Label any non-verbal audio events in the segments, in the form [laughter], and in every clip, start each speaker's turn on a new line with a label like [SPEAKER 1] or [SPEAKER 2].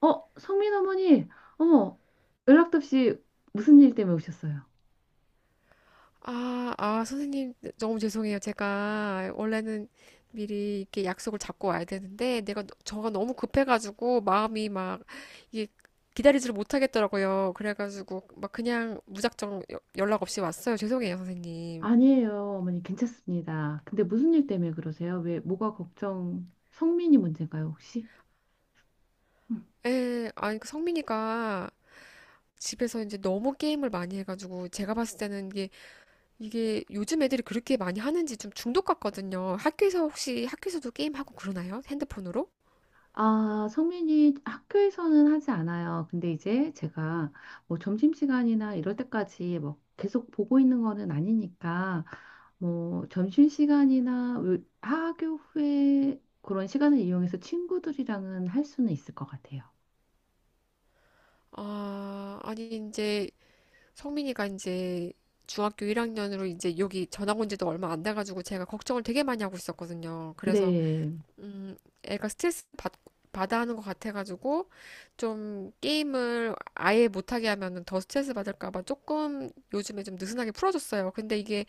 [SPEAKER 1] 어, 성민 어머니, 어머, 연락도 없이 무슨 일 때문에 오셨어요?
[SPEAKER 2] 아, 선생님, 너무 죄송해요. 제가 원래는 미리 이렇게 약속을 잡고 와야 되는데, 내가, 저가 너무 급해가지고, 마음이 막, 이게 기다리지를 못하겠더라고요. 그래가지고, 막 그냥 무작정 연락 없이 왔어요. 죄송해요, 선생님.
[SPEAKER 1] 아니에요, 어머니, 괜찮습니다. 근데 무슨 일 때문에 그러세요? 왜, 뭐가 걱정, 성민이 문제인가요, 혹시? 음.
[SPEAKER 2] 예, 아니, 그 성민이가 집에서 이제 너무 게임을 많이 해가지고, 제가 봤을 때는 이게 요즘 애들이 그렇게 많이 하는지 좀 중독 같거든요. 학교에서 혹시, 학교에서도 게임하고 그러나요? 핸드폰으로?
[SPEAKER 1] 아, 성민이 학교에서는 하지 않아요. 근데 이제 제가 뭐 점심시간이나 이럴 때까지 뭐 계속 보고 있는 거는 아니니까, 뭐 점심시간이나 학 하교 후에 그런 시간을 이용해서 친구들이랑은 할 수는 있을 것 같아요.
[SPEAKER 2] 아, 아니, 이제 성민이가 이제 중학교 1학년으로 이제 여기 전학 온 지도 얼마 안 돼가지고 제가 걱정을 되게 많이 하고 있었거든요. 그래서,
[SPEAKER 1] 네.
[SPEAKER 2] 음, 애가 스트레스 받아 하는 것 같아가지고 좀 게임을 아예 못하게 하면은 더 스트레스 받을까봐 조금 요즘에 좀 느슨하게 풀어줬어요. 근데 이게,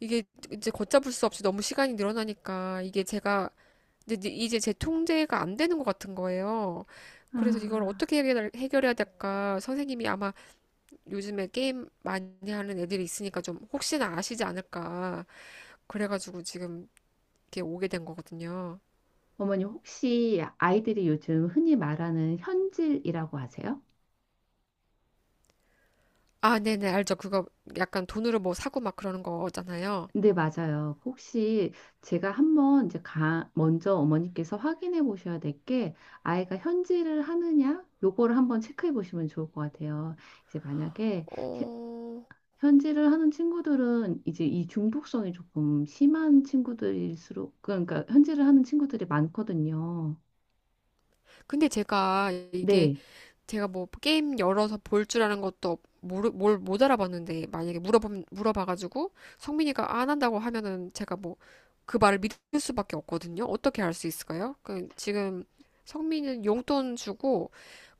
[SPEAKER 2] 이게 이제 걷잡을 수 없이 너무 시간이 늘어나니까 이게 제가 이제 제 통제가 안 되는 것 같은 거예요. 그래서 이걸
[SPEAKER 1] 아,
[SPEAKER 2] 어떻게 해결해야 될까? 선생님이 아마 요즘에 게임 많이 하는 애들이 있으니까 좀 혹시나 아시지 않을까. 그래가지고 지금 이렇게 오게 된 거거든요.
[SPEAKER 1] 어머니 혹시 아이들이 요즘 흔히 말하는 현질이라고 하세요?
[SPEAKER 2] 아, 네네, 알죠. 그거 약간 돈으로 뭐 사고 막 그러는 거잖아요.
[SPEAKER 1] 네, 맞아요. 혹시 제가 한번 이제 먼저 어머니께서 확인해 보셔야 될 게 아이가 현질을 하느냐? 요거를 한번 체크해 보시면 좋을 것 같아요. 이제 만약에 현-
[SPEAKER 2] 어,
[SPEAKER 1] 현질을 하는 친구들은 이제 이 중독성이 조금 심한 친구들일수록 그러니까 현질을 하는 친구들이 많거든요.
[SPEAKER 2] 근데 제가 이게
[SPEAKER 1] 네.
[SPEAKER 2] 제가 뭐 게임 열어서 볼 줄 아는 것도 뭘 못 알아봤는데 만약에 물어봐가지고 성민이가 안 한다고 하면은 제가 뭐 그 말을 믿을 수밖에 없거든요. 어떻게 할 수 있을까요? 그 지금 성민이는 용돈 주고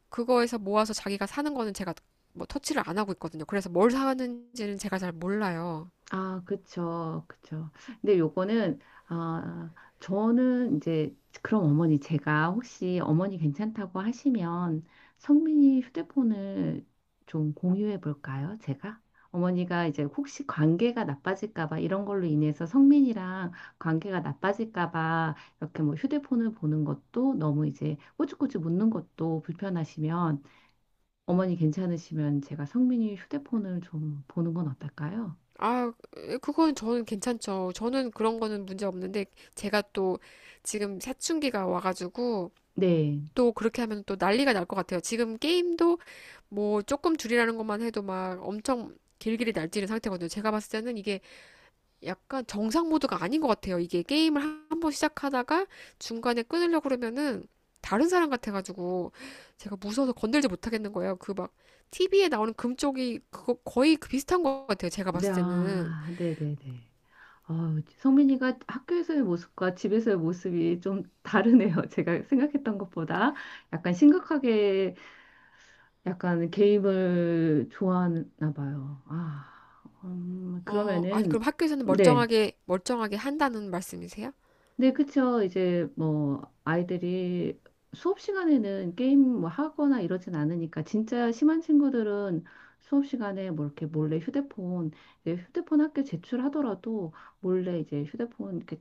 [SPEAKER 2] 그거에서 모아서 자기가 사는 거는 제가 뭐 터치를 안 하고 있거든요. 그래서 뭘 사는지는 제가 잘 몰라요.
[SPEAKER 1] 아, 그쵸, 그쵸. 근데 요거는, 아, 저는 이제, 그럼 어머니, 제가 혹시 어머니 괜찮다고 하시면 성민이 휴대폰을 좀 공유해 볼까요? 제가? 어머니가 이제 혹시 관계가 나빠질까 봐 이런 걸로 인해서 성민이랑 관계가 나빠질까 봐 이렇게 뭐 휴대폰을 보는 것도 너무 이제 꼬치꼬치 묻는 것도 불편하시면 어머니 괜찮으시면 제가 성민이 휴대폰을 좀 보는 건 어떨까요?
[SPEAKER 2] 아, 그건 저는 괜찮죠. 저는 그런 거는 문제 없는데 제가 또 지금 사춘기가 와가지고
[SPEAKER 1] 네.
[SPEAKER 2] 또 그렇게 하면 또 난리가 날 것 같아요. 지금 게임도 뭐 조금 줄이라는 것만 해도 막 엄청 길길이 날뛰는 상태거든요. 제가 봤을 때는 이게 약간 정상 모드가 아닌 것 같아요. 이게 게임을 한번 시작하다가 중간에 끊으려고 그러면은 다른 사람 같아가지고 제가 무서워서 건들지 못하겠는 거예요. 그 막 TV에 나오는 금쪽이 그거 거의 그 비슷한 것 같아요. 제가
[SPEAKER 1] 네,
[SPEAKER 2] 봤을 때는.
[SPEAKER 1] 아, 네네네. 아, 성민이가 학교에서의 모습과 집에서의 모습이 좀 다르네요. [laughs] 제가 생각했던 것보다 약간 심각하게 약간 게임을 좋아하나 봐요. 아,
[SPEAKER 2] 어, 아니, 그럼
[SPEAKER 1] 그러면은,
[SPEAKER 2] 학교에서는
[SPEAKER 1] 네.
[SPEAKER 2] 멀쩡하게, 멀쩡하게 한다는 말씀이세요?
[SPEAKER 1] 네, 그쵸. 이제 뭐 아이들이 수업 시간에는 게임 뭐 하거나 이러진 않으니까 진짜 심한 친구들은 수업 시간에 뭐 이렇게 몰래 휴대폰, 이제 휴대폰 학교 제출하더라도 몰래 이제 휴대폰 이렇게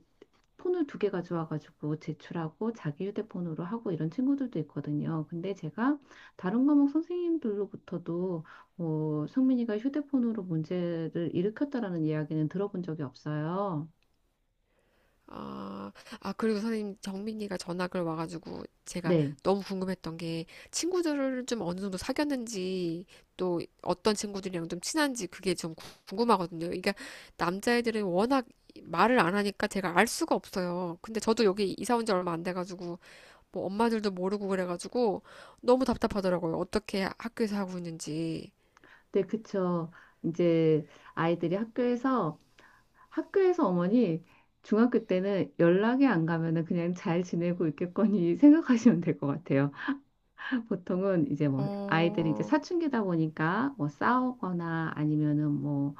[SPEAKER 1] 폰을 두 개 가져와가지고 제출하고 자기 휴대폰으로 하고 이런 친구들도 있거든요. 근데 제가 다른 과목 선생님들로부터도 뭐 성민이가 휴대폰으로 문제를 일으켰다라는 이야기는 들어본 적이 없어요.
[SPEAKER 2] 아, 아, 그리고 선생님, 정민이가 전학을 와가지고 제가
[SPEAKER 1] 네.
[SPEAKER 2] 너무 궁금했던 게 친구들을 좀 어느 정도 사귀었는지 또 어떤 친구들이랑 좀 친한지 그게 좀 궁금하거든요. 그러니까 남자애들은 워낙 말을 안 하니까 제가 알 수가 없어요. 근데 저도 여기 이사 온 지 얼마 안 돼가지고 뭐 엄마들도 모르고 그래가지고 너무 답답하더라고요. 어떻게 학교에서 하고 있는지.
[SPEAKER 1] 네, 그쵸. 이제 아이들이 학교에서, 학교에서 어머니 중학교 때는 연락이 안 가면은 그냥 잘 지내고 있겠거니 [laughs] 생각하시면 될 것 같아요. 보통은 이제 뭐 아이들이 이제
[SPEAKER 2] 어,
[SPEAKER 1] 사춘기다 보니까 뭐 싸우거나 아니면은 뭐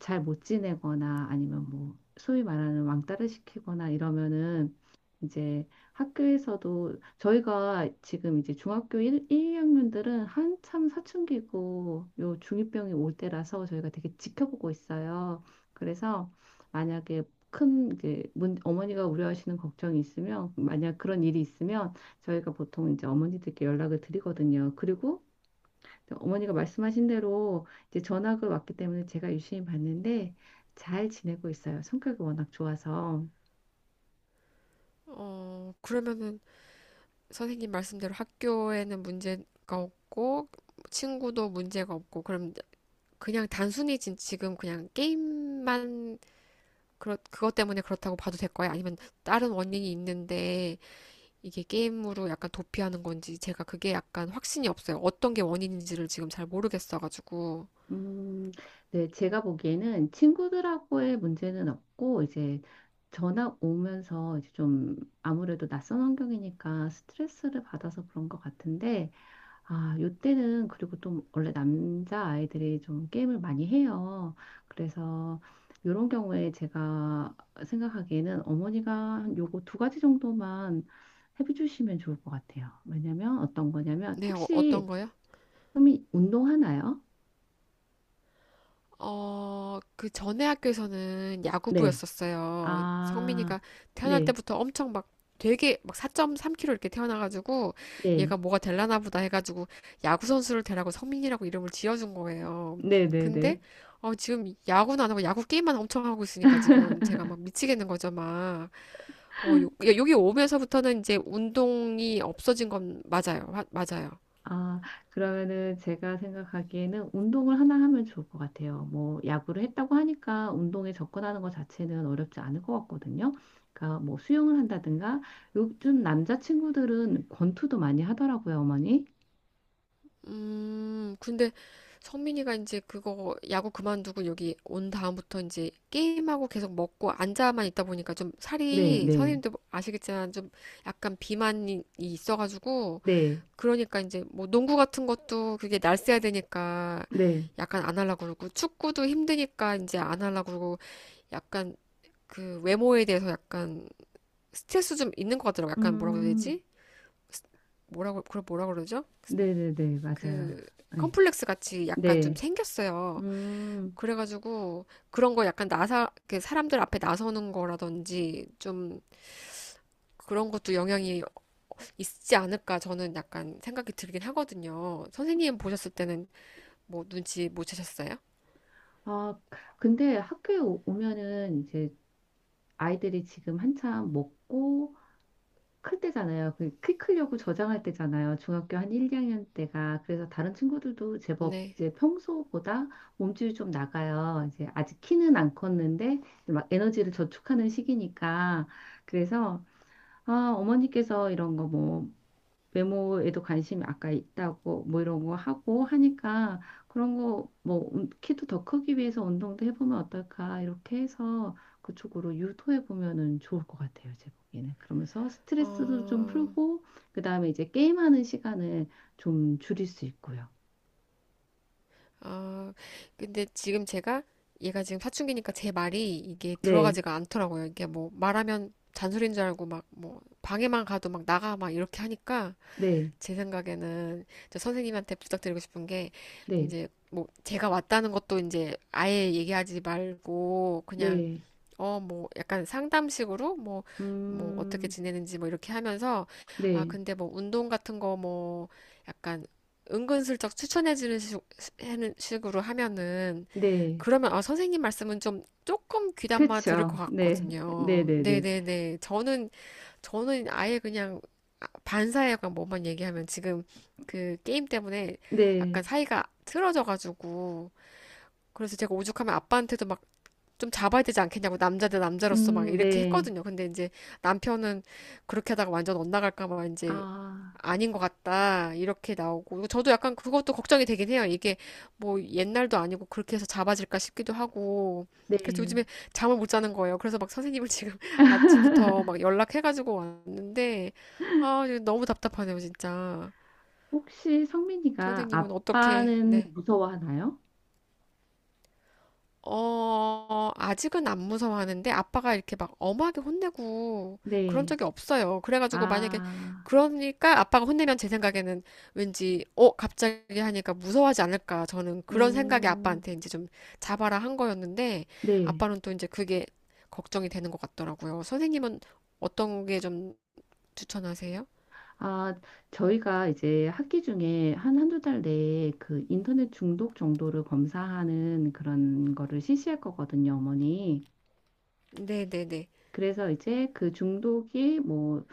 [SPEAKER 1] 잘 못 지내거나 아니면 뭐 소위 말하는 왕따를 시키거나 이러면은 이제 학교에서도 저희가 지금 이제 중학교 1, 2학년들은 한참 사춘기고 요 중2병이 올 때라서 저희가 되게 지켜보고 있어요. 그래서 만약에 큰 이제 어머니가 우려하시는 걱정이 있으면 만약 그런 일이 있으면 저희가 보통 이제 어머니들께 연락을 드리거든요. 그리고 어머니가 말씀하신 대로 이제 전학을 왔기 때문에 제가 유심히 봤는데 잘 지내고 있어요. 성격이 워낙 좋아서.
[SPEAKER 2] 그러면은 선생님 말씀대로 학교에는 문제가 없고 친구도 문제가 없고 그럼 그냥 단순히 지금 그냥 게임만 그것 때문에 그렇다고 봐도 될 거예요? 아니면 다른 원인이 있는데 이게 게임으로 약간 도피하는 건지 제가 그게 약간 확신이 없어요. 어떤 게 원인인지를 지금 잘 모르겠어가지고.
[SPEAKER 1] 음, 네, 제가 보기에는 친구들하고의 문제는 없고, 이제 전화 오면서 이제 좀 아무래도 낯선 환경이니까 스트레스를 받아서 그런 것 같은데, 아, 요때는 그리고 또 원래 남자 아이들이 좀 게임을 많이 해요. 그래서 요런 경우에 제가 생각하기에는 어머니가 한 요거 두 가지 정도만 해주시면 좋을 것 같아요. 왜냐면 어떤 거냐면,
[SPEAKER 2] 네,
[SPEAKER 1] 혹시
[SPEAKER 2] 어떤 거요?
[SPEAKER 1] 좀 운동하나요?
[SPEAKER 2] 그 전에 학교에서는
[SPEAKER 1] 네.
[SPEAKER 2] 야구부였었어요. 성민이가
[SPEAKER 1] 아,
[SPEAKER 2] 태어날
[SPEAKER 1] 네,
[SPEAKER 2] 때부터 엄청 막 되게 막 4.3kg 이렇게 태어나가지고
[SPEAKER 1] 네,
[SPEAKER 2] 얘가 뭐가 될라나 보다 해가지고 야구 선수를 되라고 성민이라고 이름을 지어준 거예요.
[SPEAKER 1] 네, 네,
[SPEAKER 2] 근데
[SPEAKER 1] 네.
[SPEAKER 2] 지금 야구는 안 하고 야구 게임만 엄청 하고 있으니까 지금 제가 막 미치겠는 거죠, 막. 여기 오면서부터는 이제 운동이 없어진 건 맞아요. 맞아요.
[SPEAKER 1] 아, 그러면은 제가 생각하기에는 운동을 하나 하면 좋을 것 같아요. 뭐, 야구를 했다고 하니까 운동에 접근하는 것 자체는 어렵지 않을 것 같거든요. 그러니까 뭐 수영을 한다든가, 요즘 남자친구들은 권투도 많이 하더라고요, 어머니.
[SPEAKER 2] 근데 성민이가 이제 그거 야구 그만두고 여기 온 다음부터 이제 게임하고 계속 먹고 앉아만 있다 보니까 좀
[SPEAKER 1] 네,
[SPEAKER 2] 살이
[SPEAKER 1] 네,
[SPEAKER 2] 선생님도 아시겠지만 좀 약간 비만이 있어가지고
[SPEAKER 1] 네,
[SPEAKER 2] 그러니까 이제 뭐 농구 같은 것도 그게 날쌔야 되니까
[SPEAKER 1] 네.
[SPEAKER 2] 약간 안 하려고 그러고 축구도 힘드니까 이제 안 하려고 그러고 약간 그 외모에 대해서 약간 스트레스 좀 있는 것 같더라고. 약간 뭐라고 해야
[SPEAKER 1] 음,
[SPEAKER 2] 되지? 뭐라고 그걸 뭐라 그러죠?
[SPEAKER 1] 네, 네, 네, 맞아요.
[SPEAKER 2] 그
[SPEAKER 1] 네,
[SPEAKER 2] 컴플렉스 같이 약간 좀
[SPEAKER 1] 네.
[SPEAKER 2] 생겼어요.
[SPEAKER 1] 음,
[SPEAKER 2] 그래가지고 그런 거 약간 나사 그 사람들 앞에 나서는 거라든지 좀 그런 것도 영향이 있지 않을까 저는 약간 생각이 들긴 하거든요. 선생님 보셨을 때는 뭐 눈치 못 채셨어요?
[SPEAKER 1] 아, 근데 학교에 오면은 이제 아이들이 지금 한참 먹고 클 때잖아요. 그 키 크려고 저장할 때잖아요. 중학교 한 1, 2학년 때가. 그래서 다른 친구들도 제법
[SPEAKER 2] 네.
[SPEAKER 1] 이제 평소보다 몸집이 좀 나가요. 이제 아직 키는 안 컸는데 이제 막 에너지를 저축하는 시기니까. 그래서 아, 어머니께서 이런 거뭐 외모에도 관심이 아까 있다고 뭐 이런 거 하고 하니까 그런 거 뭐 키도 더 크기 위해서 운동도 해보면 어떨까 이렇게 해서 그쪽으로 유도해 보면은 좋을 것 같아요 제 보기에는 그러면서 스트레스도 좀
[SPEAKER 2] 어,
[SPEAKER 1] 풀고 그 다음에 이제 게임하는 시간을 좀 줄일 수 있고요
[SPEAKER 2] 어, 근데 지금 제가 얘가 지금 사춘기니까 제 말이 이게
[SPEAKER 1] 네
[SPEAKER 2] 들어가지가 않더라고요. 이게 뭐 말하면 잔소리인 줄 알고 막 뭐 방에만 가도 막 나가 막 이렇게 하니까
[SPEAKER 1] 네
[SPEAKER 2] 제 생각에는 저 선생님한테 부탁드리고 싶은 게
[SPEAKER 1] 네
[SPEAKER 2] 이제 뭐 제가 왔다는 것도 이제 아예 얘기하지 말고 그냥
[SPEAKER 1] 네
[SPEAKER 2] 어 뭐 약간 상담식으로 뭐 뭐
[SPEAKER 1] 음
[SPEAKER 2] 어떻게 지내는지 뭐 이렇게 하면서 아
[SPEAKER 1] 네
[SPEAKER 2] 근데 뭐 운동 같은 거 뭐 약간 은근슬쩍 추천해주는 하는 식으로 하면은
[SPEAKER 1] 네
[SPEAKER 2] 그러면 아 선생님 말씀은 좀 조금 귀담아 들을 것
[SPEAKER 1] 그렇죠 네네
[SPEAKER 2] 같거든요.
[SPEAKER 1] 네네
[SPEAKER 2] 네네네. 저는 아예 그냥 반사회관 뭐만 얘기하면 지금 그 게임 때문에 약간
[SPEAKER 1] 네
[SPEAKER 2] 사이가 틀어져가지고 그래서 제가 오죽하면 아빠한테도 막 좀 잡아야 되지 않겠냐고 남자 대 남자로서 막 이렇게
[SPEAKER 1] 네
[SPEAKER 2] 했거든요. 근데 이제 남편은 그렇게 하다가 완전 엇나갈까 봐
[SPEAKER 1] 아
[SPEAKER 2] 이제 아닌 것 같다 이렇게 나오고 저도 약간 그것도 걱정이 되긴 해요. 이게 뭐 옛날도 아니고 그렇게 해서 잡아질까 싶기도 하고 그래서
[SPEAKER 1] 네
[SPEAKER 2] 요즘에 잠을 못 자는 거예요. 그래서 막 선생님을 지금 [laughs] 아침부터 막 연락해가지고 왔는데 아 너무 답답하네요 진짜.
[SPEAKER 1] 혹시 성민이가
[SPEAKER 2] 선생님은 어떻게
[SPEAKER 1] 아빠는
[SPEAKER 2] 네.
[SPEAKER 1] 무서워하나요?
[SPEAKER 2] 아직은 안 무서워하는데 아빠가 이렇게 막 엄하게 혼내고 그런
[SPEAKER 1] 네.
[SPEAKER 2] 적이 없어요. 그래가지고 만약에
[SPEAKER 1] 아,
[SPEAKER 2] 그러니까 아빠가 혼내면 제 생각에는 왠지 갑자기 하니까 무서워하지 않을까. 저는 그런 생각이
[SPEAKER 1] 음,
[SPEAKER 2] 아빠한테 이제 좀 잡아라 한 거였는데
[SPEAKER 1] 네.
[SPEAKER 2] 아빠는 또 이제 그게 걱정이 되는 것 같더라고요. 선생님은 어떤 게 좀 추천하세요?
[SPEAKER 1] 아, 저희가 이제 학기 중에 한 한두 달 내에 그 인터넷 중독 정도를 검사하는 그런 거를 실시할 거거든요, 어머니.
[SPEAKER 2] 네네네.
[SPEAKER 1] 그래서 이제 그 중독이 뭐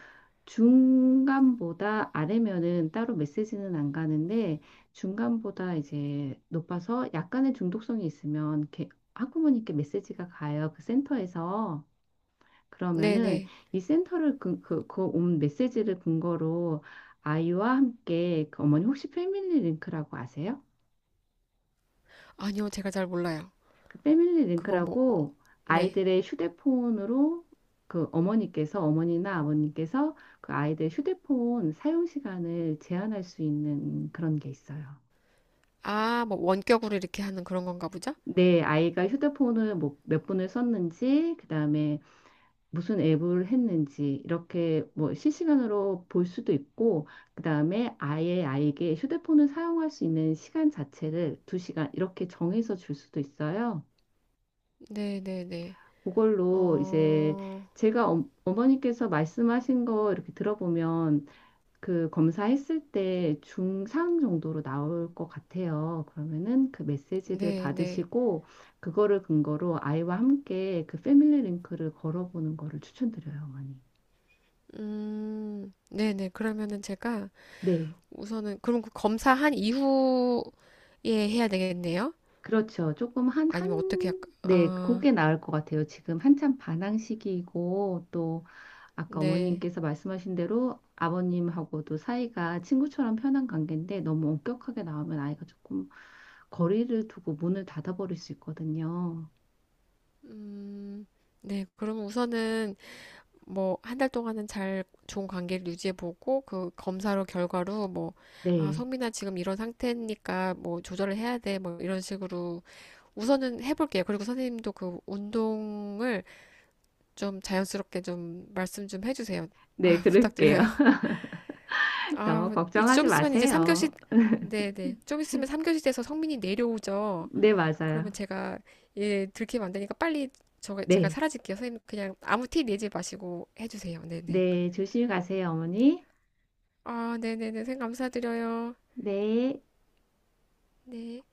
[SPEAKER 1] 중간보다 아래면은 따로 메시지는 안 가는데 중간보다 이제 높아서 약간의 중독성이 있으면 이렇게 학부모님께 메시지가 가요. 그 센터에서. 그러면은
[SPEAKER 2] 네네.
[SPEAKER 1] 이 센터를 그 온 메시지를 근거로 아이와 함께 그 어머니 혹시 패밀리 링크라고 아세요?
[SPEAKER 2] 아니요, 제가 잘 몰라요.
[SPEAKER 1] 그 패밀리
[SPEAKER 2] 그거 뭐,
[SPEAKER 1] 링크라고
[SPEAKER 2] 네.
[SPEAKER 1] 아이들의 휴대폰으로 그 어머니께서 어머니나 아버님께서 그 아이들 휴대폰 사용 시간을 제한할 수 있는 그런 게 있어요.
[SPEAKER 2] 아, 뭐 원격으로 이렇게 하는 그런 건가 보죠?
[SPEAKER 1] 내 아이가 휴대폰을 뭐 몇 분을 썼는지, 그다음에 무슨 앱을 했는지 이렇게 뭐 실시간으로 볼 수도 있고, 그다음에 아예 아이에게 휴대폰을 사용할 수 있는 시간 자체를 두 시간 이렇게 정해서 줄 수도 있어요.
[SPEAKER 2] 네네네.
[SPEAKER 1] 그걸로 이제
[SPEAKER 2] 어,
[SPEAKER 1] 제가 어, 어머니께서 말씀하신 거 이렇게 들어보면 그 검사했을 때 중상 정도로 나올 것 같아요. 그러면은 그 메시지를
[SPEAKER 2] 네네.
[SPEAKER 1] 받으시고 그거를 근거로 아이와 함께 그 패밀리 링크를 걸어보는 거를 추천드려요, 어머니.
[SPEAKER 2] 네네. 그러면은 제가
[SPEAKER 1] 네,
[SPEAKER 2] 우선은, 그럼 그 검사한 이후에 해야 되겠네요?
[SPEAKER 1] 그렇죠. 조금
[SPEAKER 2] 아니면 어떻게, 할까?
[SPEAKER 1] 네,
[SPEAKER 2] 아,
[SPEAKER 1] 그게 나을 것 같아요. 지금 한참 반항 시기이고 또 아까
[SPEAKER 2] 네.
[SPEAKER 1] 어머님께서 말씀하신 대로 아버님하고도 사이가 친구처럼 편한 관계인데 너무 엄격하게 나오면 아이가 조금 거리를 두고 문을 닫아버릴 수 있거든요.
[SPEAKER 2] 음, 네. 그러면 우선은 뭐, 한 달 동안은 잘 좋은 관계를 유지해보고, 그 검사로 결과로 뭐, 아,
[SPEAKER 1] 네.
[SPEAKER 2] 성민아 지금 이런 상태니까 뭐, 조절을 해야 돼. 뭐, 이런 식으로 우선은 해볼게요. 그리고 선생님도 그 운동을 좀 자연스럽게 좀 말씀 좀 해주세요. [laughs]
[SPEAKER 1] 네,
[SPEAKER 2] 아,
[SPEAKER 1] 그럴게요.
[SPEAKER 2] 부탁드려요.
[SPEAKER 1] [laughs] 너무
[SPEAKER 2] 아, 이제
[SPEAKER 1] 걱정하지
[SPEAKER 2] 좀 있으면 이제 3교시,
[SPEAKER 1] 마세요.
[SPEAKER 2] 네네. 좀 있으면 삼 교시 돼서 성민이 내려오죠.
[SPEAKER 1] 네, 맞아요.
[SPEAKER 2] 그러면 제가, 예, 들키면 안 되니까 빨리 저, 제가
[SPEAKER 1] 네.
[SPEAKER 2] 사라질게요. 선생님, 그냥 아무 티 내지 마시고 해주세요. 네네.
[SPEAKER 1] 네, 조심히 가세요, 어머니.
[SPEAKER 2] 아, 네네네. 선생님, 감사드려요.
[SPEAKER 1] 네.
[SPEAKER 2] 네.